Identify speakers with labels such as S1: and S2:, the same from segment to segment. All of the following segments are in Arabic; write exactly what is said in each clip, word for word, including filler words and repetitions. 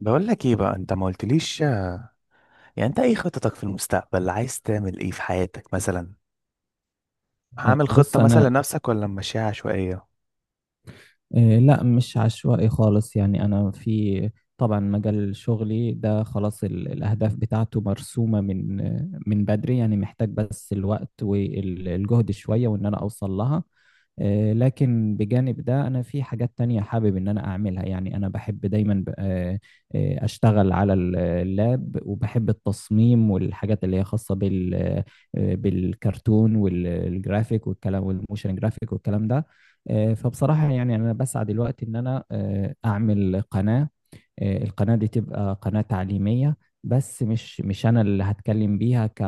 S1: بقول لك ايه بقى؟ انت ما قلتليش. يعني انت ايه خططك في المستقبل؟ عايز تعمل ايه في حياتك مثلا؟
S2: إيه،
S1: عامل
S2: بص
S1: خطة مثلا
S2: انا.
S1: لنفسك ولا ماشيها عشوائية؟
S2: إيه، لا، مش عشوائي خالص. يعني انا في، طبعا، مجال شغلي ده خلاص، ال- الاهداف بتاعته مرسومه من من بدري. يعني محتاج بس الوقت والجهد شويه، وان انا اوصل لها. إيه، لكن بجانب ده انا في حاجات تانية حابب ان انا اعملها. يعني انا بحب دايما ب- آه، آه، اشتغل على ال- اللاب، وبحب التصميم والحاجات اللي هي خاصه بال آه، بالكرتون والجرافيك والكلام، والموشن جرافيك والكلام ده. آه، فبصراحة يعني أنا بسعى دلوقتي إن أنا آه، أعمل قناة. آه، القناة دي تبقى قناة تعليمية، بس مش مش أنا اللي هتكلم بيها ك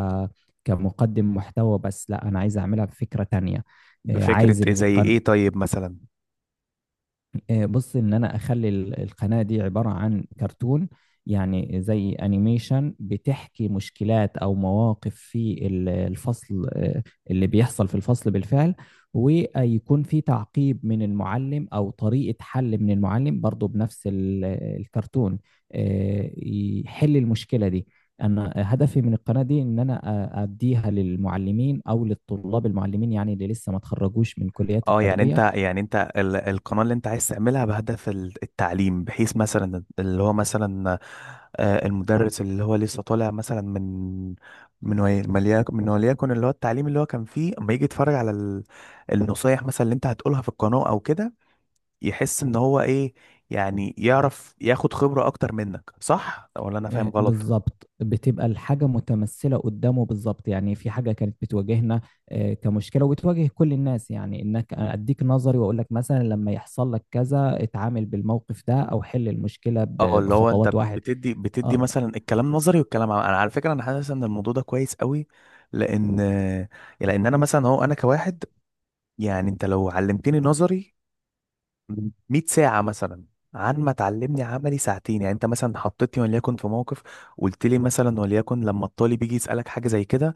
S2: كمقدم محتوى بس. لا، أنا عايز أعملها بفكرة تانية. آه،
S1: بفكرة
S2: عايز
S1: ايه؟ زي
S2: القن...
S1: ايه طيب مثلا؟
S2: آه، بص، ان انا اخلي ال- القناة دي عبارة عن كرتون. يعني زي انيميشن بتحكي مشكلات او مواقف في ال- الفصل، آه، اللي بيحصل في الفصل بالفعل. ويكون في تعقيب من المعلم او طريقة حل من المعلم برضو بنفس ال- الكرتون، آه، يحل المشكلة دي. انا هدفي من القناة دي ان انا أ- اديها للمعلمين او للطلاب المعلمين، يعني اللي لسه ما تخرجوش من كليات
S1: اه، يعني انت
S2: التربية.
S1: يعني انت ال القناة اللي انت عايز تعملها بهدف ال- التعليم، بحيث مثلا اللي هو مثلا آه، المدرس اللي هو لسه طالع مثلا من من ولي- مليك- من وليكن اللي هو التعليم اللي هو كان فيه، اما يجي يتفرج على ال- النصايح مثلا اللي انت هتقولها في القناة او كده، يحس ان هو ايه، يعني يعرف ياخد خبرة اكتر منك. صح ولا انا فاهم
S2: آه،
S1: غلط؟
S2: بالظبط، بتبقى الحاجة متمثلة قدامه بالظبط. يعني في حاجة كانت بتواجهنا آه، كمشكلة، وبتواجه كل الناس. يعني انك اديك نظري، واقول لك مثلا لما يحصل لك كذا اتعامل بالموقف ده، او حل المشكلة
S1: اه،
S2: ب-
S1: اللي هو انت
S2: بخطوات واحد.
S1: بتدي بتدي
S2: آه،
S1: مثلا الكلام نظري والكلام عملي. انا على فكرة انا حاسس ان الموضوع ده كويس قوي، لان لان انا مثلا هو انا كواحد، يعني انت لو علمتني نظري 100 ساعة مثلا، عن ما تعلمني عملي ساعتين. يعني انت مثلا حطيتني وليكن في موقف، قلت لي مثلا وليكن لما الطالب بيجي يسألك حاجة زي كده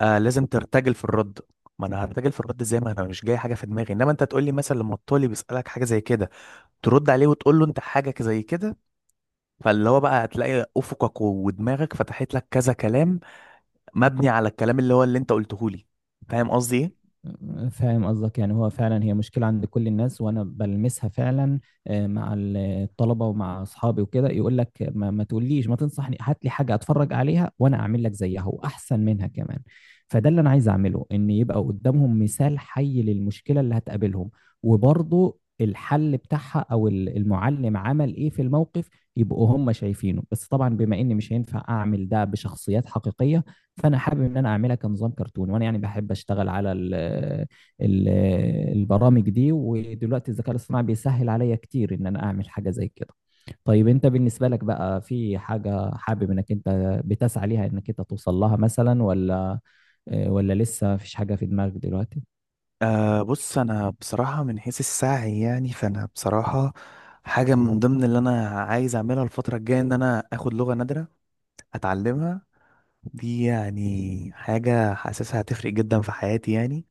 S1: آه لازم ترتجل في الرد. ما انا هرتجل في الرد ازاي ما انا مش جاي حاجه في دماغي؟ انما انت تقول لي مثلا لما الطالب يسالك حاجه زي كده ترد عليه وتقول له انت حاجه زي كده، فاللي هو بقى هتلاقي افقك ودماغك فتحت لك كذا كلام مبني على الكلام اللي هو اللي انت قلته لي. فاهم قصدي ايه؟
S2: فاهم قصدك. يعني هو فعلا هي مشكلة عند كل الناس، وأنا بلمسها فعلا آه، مع الطلبة ومع أصحابي وكده. يقول لك ما, ما تقوليش، ما تنصحني، هات لي حاجة أتفرج عليها وأنا أعمل لك زيها وأحسن منها كمان. فده اللي أنا عايز أعمله، إن يبقى قدامهم مثال حي للمشكلة اللي هتقابلهم، وبرضه الحل بتاعها، أو ال- المعلم عمل إيه في الموقف، يبقوا هم شايفينه. بس طبعا بما إني مش هينفع أعمل ده بشخصيات حقيقية، فانا حابب ان انا اعملها كنظام كرتون. وانا يعني بحب اشتغل على ال ال البرامج دي، ودلوقتي الذكاء الاصطناعي بيسهل عليا كتير ان انا اعمل حاجه زي كده. طيب انت بالنسبه لك بقى، في حاجه حابب انك انت بتسعى ليها، انك انت توصل لها مثلا، ولا آه، ولا لسه مفيش حاجه في دماغك دلوقتي؟
S1: آه، بص انا بصراحه من حيث السعي، يعني فانا بصراحه حاجه من ضمن اللي انا عايز اعملها الفتره الجايه ان انا اخد لغه نادره اتعلمها. دي يعني حاجة حاسسها هتفرق جدا في حياتي يعني.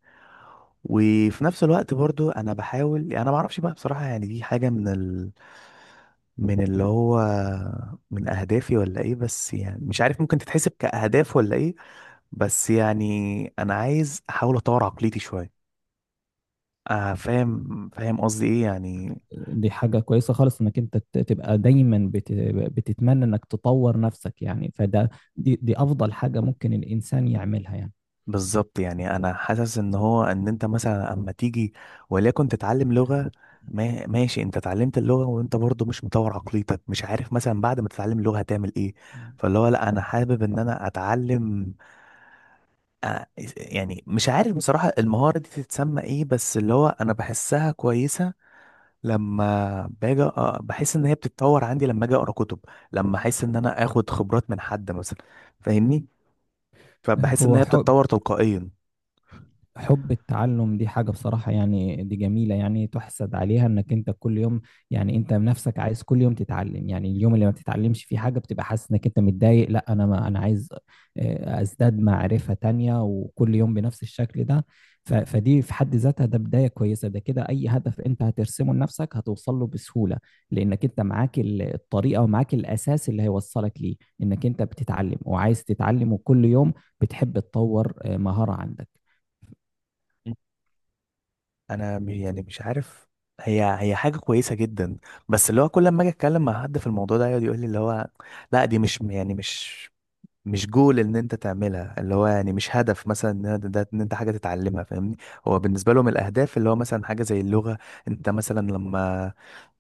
S1: وفي نفس الوقت برضو انا بحاول، يعني انا ما اعرفش بقى بصراحة، يعني دي حاجة من ال... من اللي هو من اهدافي ولا ايه، بس يعني مش عارف ممكن تتحسب كاهداف ولا ايه، بس يعني انا عايز احاول اطور عقليتي شوية. آه فاهم فاهم قصدي ايه يعني.
S2: دي حاجة كويسة خالص انك انت ت- تبقى دايما بت... بتتمنى انك تطور نفسك. يعني فده، دي, دي افضل حاجة ممكن الانسان يعملها يعني.
S1: بالظبط، يعني انا حاسس ان هو ان انت مثلا اما تيجي وليكن تتعلم لغة، ما ماشي انت اتعلمت اللغة وانت برضو مش مطور عقليتك، مش عارف مثلا بعد ما تتعلم اللغة هتعمل ايه. فاللي هو لا انا حابب ان انا اتعلم آه، يعني مش عارف بصراحة المهارة دي تتسمى ايه، بس اللي هو انا بحسها كويسة. لما باجي أقرأ- بحس ان هي بتتطور عندي لما اجي اقرا كتب، لما احس ان انا اخد خبرات من حد مثلا. فاهمني؟ فبحس ان
S2: هو
S1: هي
S2: حب
S1: بتتطور تلقائيا.
S2: حب التعلم دي حاجة بصراحة يعني، دي جميلة يعني تحسد عليها. انك انت كل يوم، يعني انت بنفسك عايز كل يوم تتعلم. يعني اليوم اللي ما بتتعلمش فيه حاجة بتبقى حاسس انك انت متضايق. لا، انا ما انا عايز آه، ازداد معرفة تانية، وكل يوم بنفس الشكل ده. ف- فدي في حد ذاتها، ده بداية كويسة. ده كده اي هدف انت هترسمه لنفسك هتوصل له بسهولة، لانك انت معاك ال- الطريقة ومعاك الاساس اللي هيوصلك ليه. انك انت بتتعلم وعايز تتعلم، وكل يوم بتحب تطور آه، مهارة عندك.
S1: انا م- يعني مش عارف، هي هي حاجه كويسه جدا، بس اللي هو كل ما اجي اتكلم مع حد في الموضوع ده يقعد يقول لي اللي هو لا دي مش يعني مش مش جول ان انت تعملها، اللي هو يعني مش هدف مثلا ان ده ده- ان انت حاجه تتعلمها. فاهمني؟ هو بالنسبه لهم الاهداف اللي هو مثلا حاجه زي اللغه انت مثلا لما،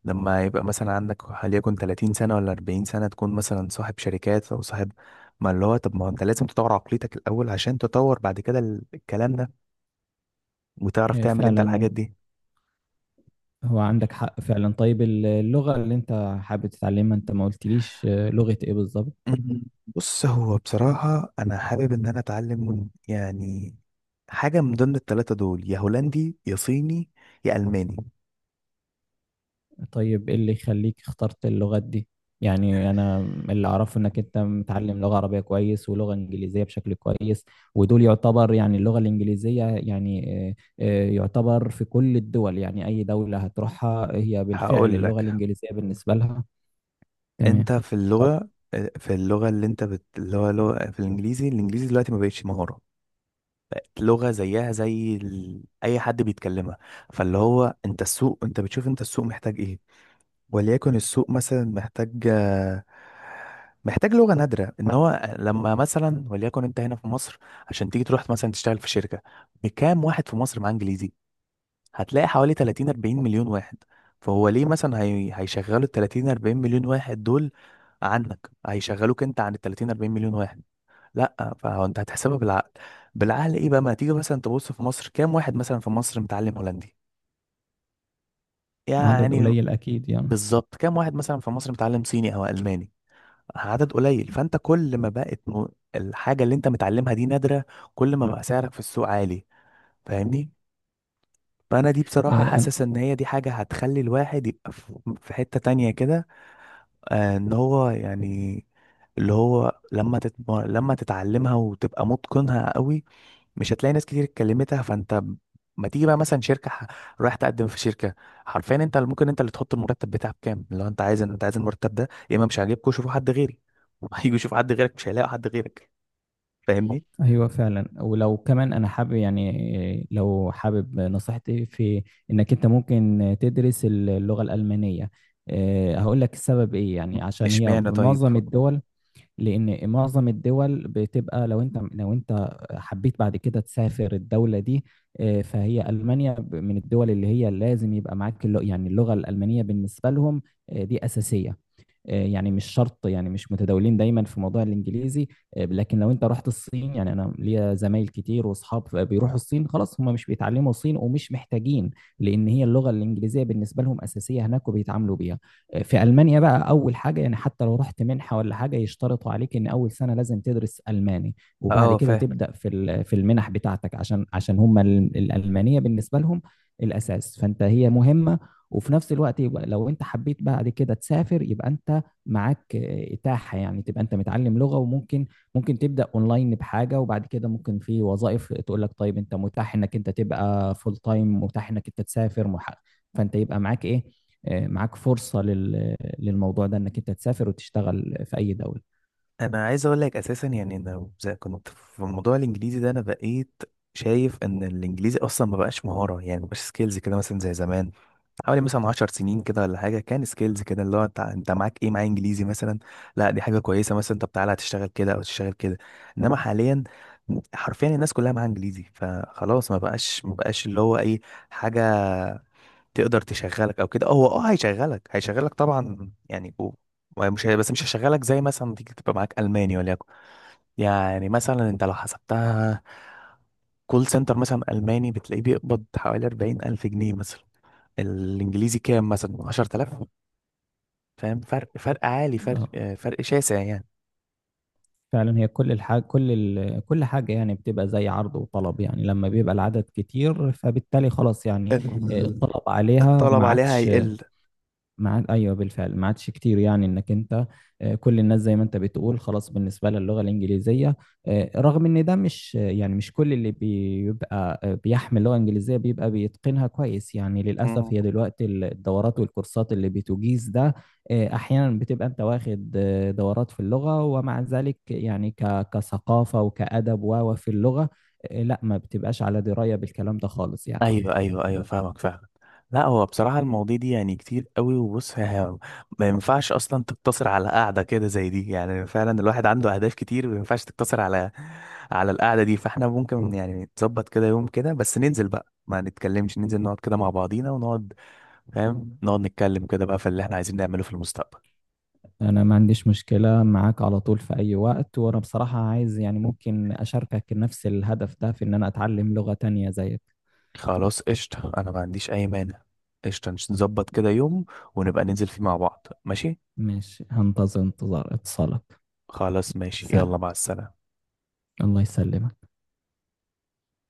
S1: لما يبقى مثلا عندك وليكن 30 سنة ولا 40 سنة تكون مثلا صاحب شركات أو صاحب. ما اللي هو طب ما هو أنت لازم تطور عقليتك الأول عشان تطور بعد كده ال- الكلام ده وتعرف
S2: إيه
S1: تعمل أنت
S2: فعلا، و-
S1: الحاجات دي.
S2: هو عندك حق فعلا. طيب ال- اللغة اللي انت حابب تتعلمها، انت ما قلتليش آه، لغة ايه بالظبط؟
S1: مم. بص هو بصراحة أنا حابب إن أنا أتعلم يعني حاجة من ضمن التلاتة دول، يا هولندي يا صيني يا ألماني.
S2: طيب ايه اللي يخليك اخترت اللغات دي؟ يعني انا اللي اعرفه انك انت متعلم لغة عربية كويس ولغة انجليزية بشكل كويس، ودول يعتبر يعني اللغة الانجليزية يعني آه، آه، يعتبر في كل الدول. يعني اي دولة هتروحها هي بالفعل
S1: هقول
S2: اللغة
S1: لك.
S2: الانجليزية بالنسبة لها.
S1: أنت
S2: تمام.
S1: في اللغة آه، في اللغة اللي أنت بت... اللي هو لغة. في الإنجليزي الإنجليزي دلوقتي ما بقتش مهارة، لغة زيها زي ال... أي حد بيتكلمها. فاللي هو أنت السوق، أنت بتشوف أنت السوق محتاج إيه. وليكن السوق مثلا محتاج آه، محتاج لغة نادرة. إن هو لما مثلا وليكن أنت هنا في مصر عشان تيجي تروح مثلا تشتغل في شركة، بكام واحد في مصر معاه إنجليزي؟ هتلاقي حوالي تلاتين 40 مليون واحد. فهو ليه مثلا هي... هيشغلوا ال تلاتين أربعين مليون واحد دول عنك؟ هيشغلوك أنت عن ال تلاتين أربعين مليون واحد؟ لا. فهو انت هتحسبها بالعقل. بالعقل ايه بقى؟ ما تيجي مثلا تبص في مصر كام واحد مثلا في مصر متعلم هولندي
S2: عدد
S1: يعني،
S2: قليل اكيد يعني.
S1: بالظبط. كام واحد مثلا في مصر متعلم صيني او الماني؟ عدد قليل. فانت كل ما بقت م- الحاجه اللي انت متعلمها دي نادره، كل ما بقى سعرك في السوق عالي. فاهمني؟ فانا دي بصراحه
S2: آه،
S1: حاسس ان هي دي حاجه هتخلي الواحد يبقى في في حته تانية كده، آه، ان هو يعني اللي هو لما تتم... لما تتعلمها وتبقى متقنها قوي، مش هتلاقي ناس كتير اتكلمتها. فانت ب- ما تيجي بقى مثلا شركه ح- رايح تقدم في شركه، حرفيا انت اللي ممكن انت اللي تحط المرتب بتاعك كام. لو انت عايز انت عايز المرتب ده، يا اما مش عاجبكوا شوفوا حد غيري. هيجوا يشوفوا حد غيرك مش هيلاقوا حد غيرك. فاهمني؟
S2: ايوه فعلا. ولو كمان انا حابب يعني، لو حابب نصيحتي في، انك انت ممكن تدرس اللغه الالمانيه. أه، هقول لك السبب ايه. يعني عشان هي
S1: اشمعنى طيب؟
S2: معظم الدول، لان معظم الدول بتبقى، لو انت لو انت حبيت بعد كده تسافر الدوله دي، أه، فهي المانيا ب- من الدول اللي هي لازم يبقى معاك اللغة. يعني اللغه الالمانيه بالنسبه لهم أه، دي اساسيه. آه، يعني مش شرط، يعني مش متداولين دايما في موضوع الانجليزي. آه، لكن لو انت رحت الصين، يعني انا ليا زمايل كتير واصحاب بيروحوا الصين، خلاص هم مش بيتعلموا صين ومش محتاجين، لان هي اللغه الانجليزيه بالنسبه لهم اساسيه هناك وبيتعاملوا بيها. آه، في المانيا بقى، اول حاجه، يعني حتى لو رحت منحه ولا حاجه يشترطوا عليك ان اول سنه لازم تدرس الماني، وبعد
S1: اه
S2: كده
S1: فاهم.
S2: تبدا في ال- في المنح بتاعتك، عشان عشان هم ال- الالمانيه بالنسبه لهم الاساس. فانت هي مهمه. وفي نفس الوقت، يبقى لو انت حبيت بعد كده تسافر، يبقى انت معاك آه، إتاحة، يعني تبقى أنت متعلم لغة. وممكن ممكن تبدأ أونلاين بحاجة، وبعد كده ممكن في وظائف تقول لك طيب أنت متاح إنك أنت تبقى فول تايم، متاح إنك أنت تسافر مح- فأنت يبقى معاك إيه؟ آه، معاك فرصة لل- للموضوع ده، إنك أنت تسافر وتشتغل في أي دولة.
S1: انا عايز اقول لك اساسا يعني انا زي كنت في موضوع الانجليزي ده، انا بقيت شايف ان الانجليزي اصلا ما بقاش مهاره، يعني ما بقاش سكيلز كده مثلا زي زمان حوالي مثلا 10 سنين كده ولا حاجه، كان سكيلز كده اللي هو انت، انت معاك ايه؟ معايا انجليزي مثلا. لا دي حاجه كويسه مثلا، طب تعالى هتشتغل كده او تشتغل كده. انما حاليا حرفيا الناس كلها معاها انجليزي، فخلاص ما بقاش، ما بقاش اللي هو اي حاجه تقدر تشغلك او كده. هو اه هيشغلك هيشغلك طبعا يعني و- ومش هي- بس مش هيشغلك زي مثلا ما تيجي تبقى معاك الماني وليكن. يعني مثلا انت لو حسبتها، كول سنتر مثلا ألماني بتلاقيه بيقبض حوالي أربعين ألف جنيه مثلا، الإنجليزي كام مثلا؟ عشر تلاف. فاهم فرق؟ فرق عالي، فرق
S2: اه
S1: آه، فرق شاسع يعني.
S2: فعلا، هي كل الحاجة، كل ال... كل حاجة يعني بتبقى زي عرض وطلب. يعني لما بيبقى العدد كتير، فبالتالي خلاص يعني آه، الطلب عليها
S1: الطلب
S2: ما
S1: عليها
S2: عادش.
S1: هيقل.
S2: ما عاد، ايوه بالفعل ما عادش كتير. يعني انك انت آه، كل الناس زي ما انت بتقول خلاص بالنسبه لها اللغه الانجليزيه، آه، رغم ان ده مش آه، يعني مش كل اللي بيبقى آه، بيحمل لغه انجليزيه بيبقى بيتقنها كويس. يعني
S1: مم.
S2: للاسف، هي دلوقتي الدورات والكورسات اللي بتجيز ده آه، احيانا بتبقى انت واخد آه، دورات في اللغه، ومع ذلك يعني ك- كثقافه وكادب، و و في اللغه آه، لا، ما بتبقاش على درايه بالكلام ده خالص يعني.
S1: ايوه ايوه ايوه فاهمك فعلا. لا هو بصراحه المواضيع دي يعني كتير قوي. وبص ها- ما ينفعش اصلا تقتصر على قاعده كده زي دي، يعني فعلا الواحد عنده اهداف كتير ما ينفعش تقتصر على على القعده دي. فاحنا ممكن يعني نظبط كده يوم كده، بس ننزل بقى ما نتكلمش، ننزل نقعد كده مع بعضينا ونقعد، فاهم، نقعد نتكلم كده بقى في اللي احنا عايزين نعمله في المستقبل.
S2: انا ما عنديش مشكلة معاك على طول، في اي وقت. وانا بصراحة عايز يعني ممكن اشاركك نفس الهدف ده في ان انا اتعلم لغة تانية زيك.
S1: خلاص قشطة، أنا ما عنديش أي مانع. قشطة، نظبط كده يوم ونبقى ننزل فيه مع بعض. ماشي.
S2: ماشي، هنتظر انتظار اتصالك.
S1: خلاص ماشي، يلا
S2: سلام.
S1: مع السلامة.
S2: الله يسلمك.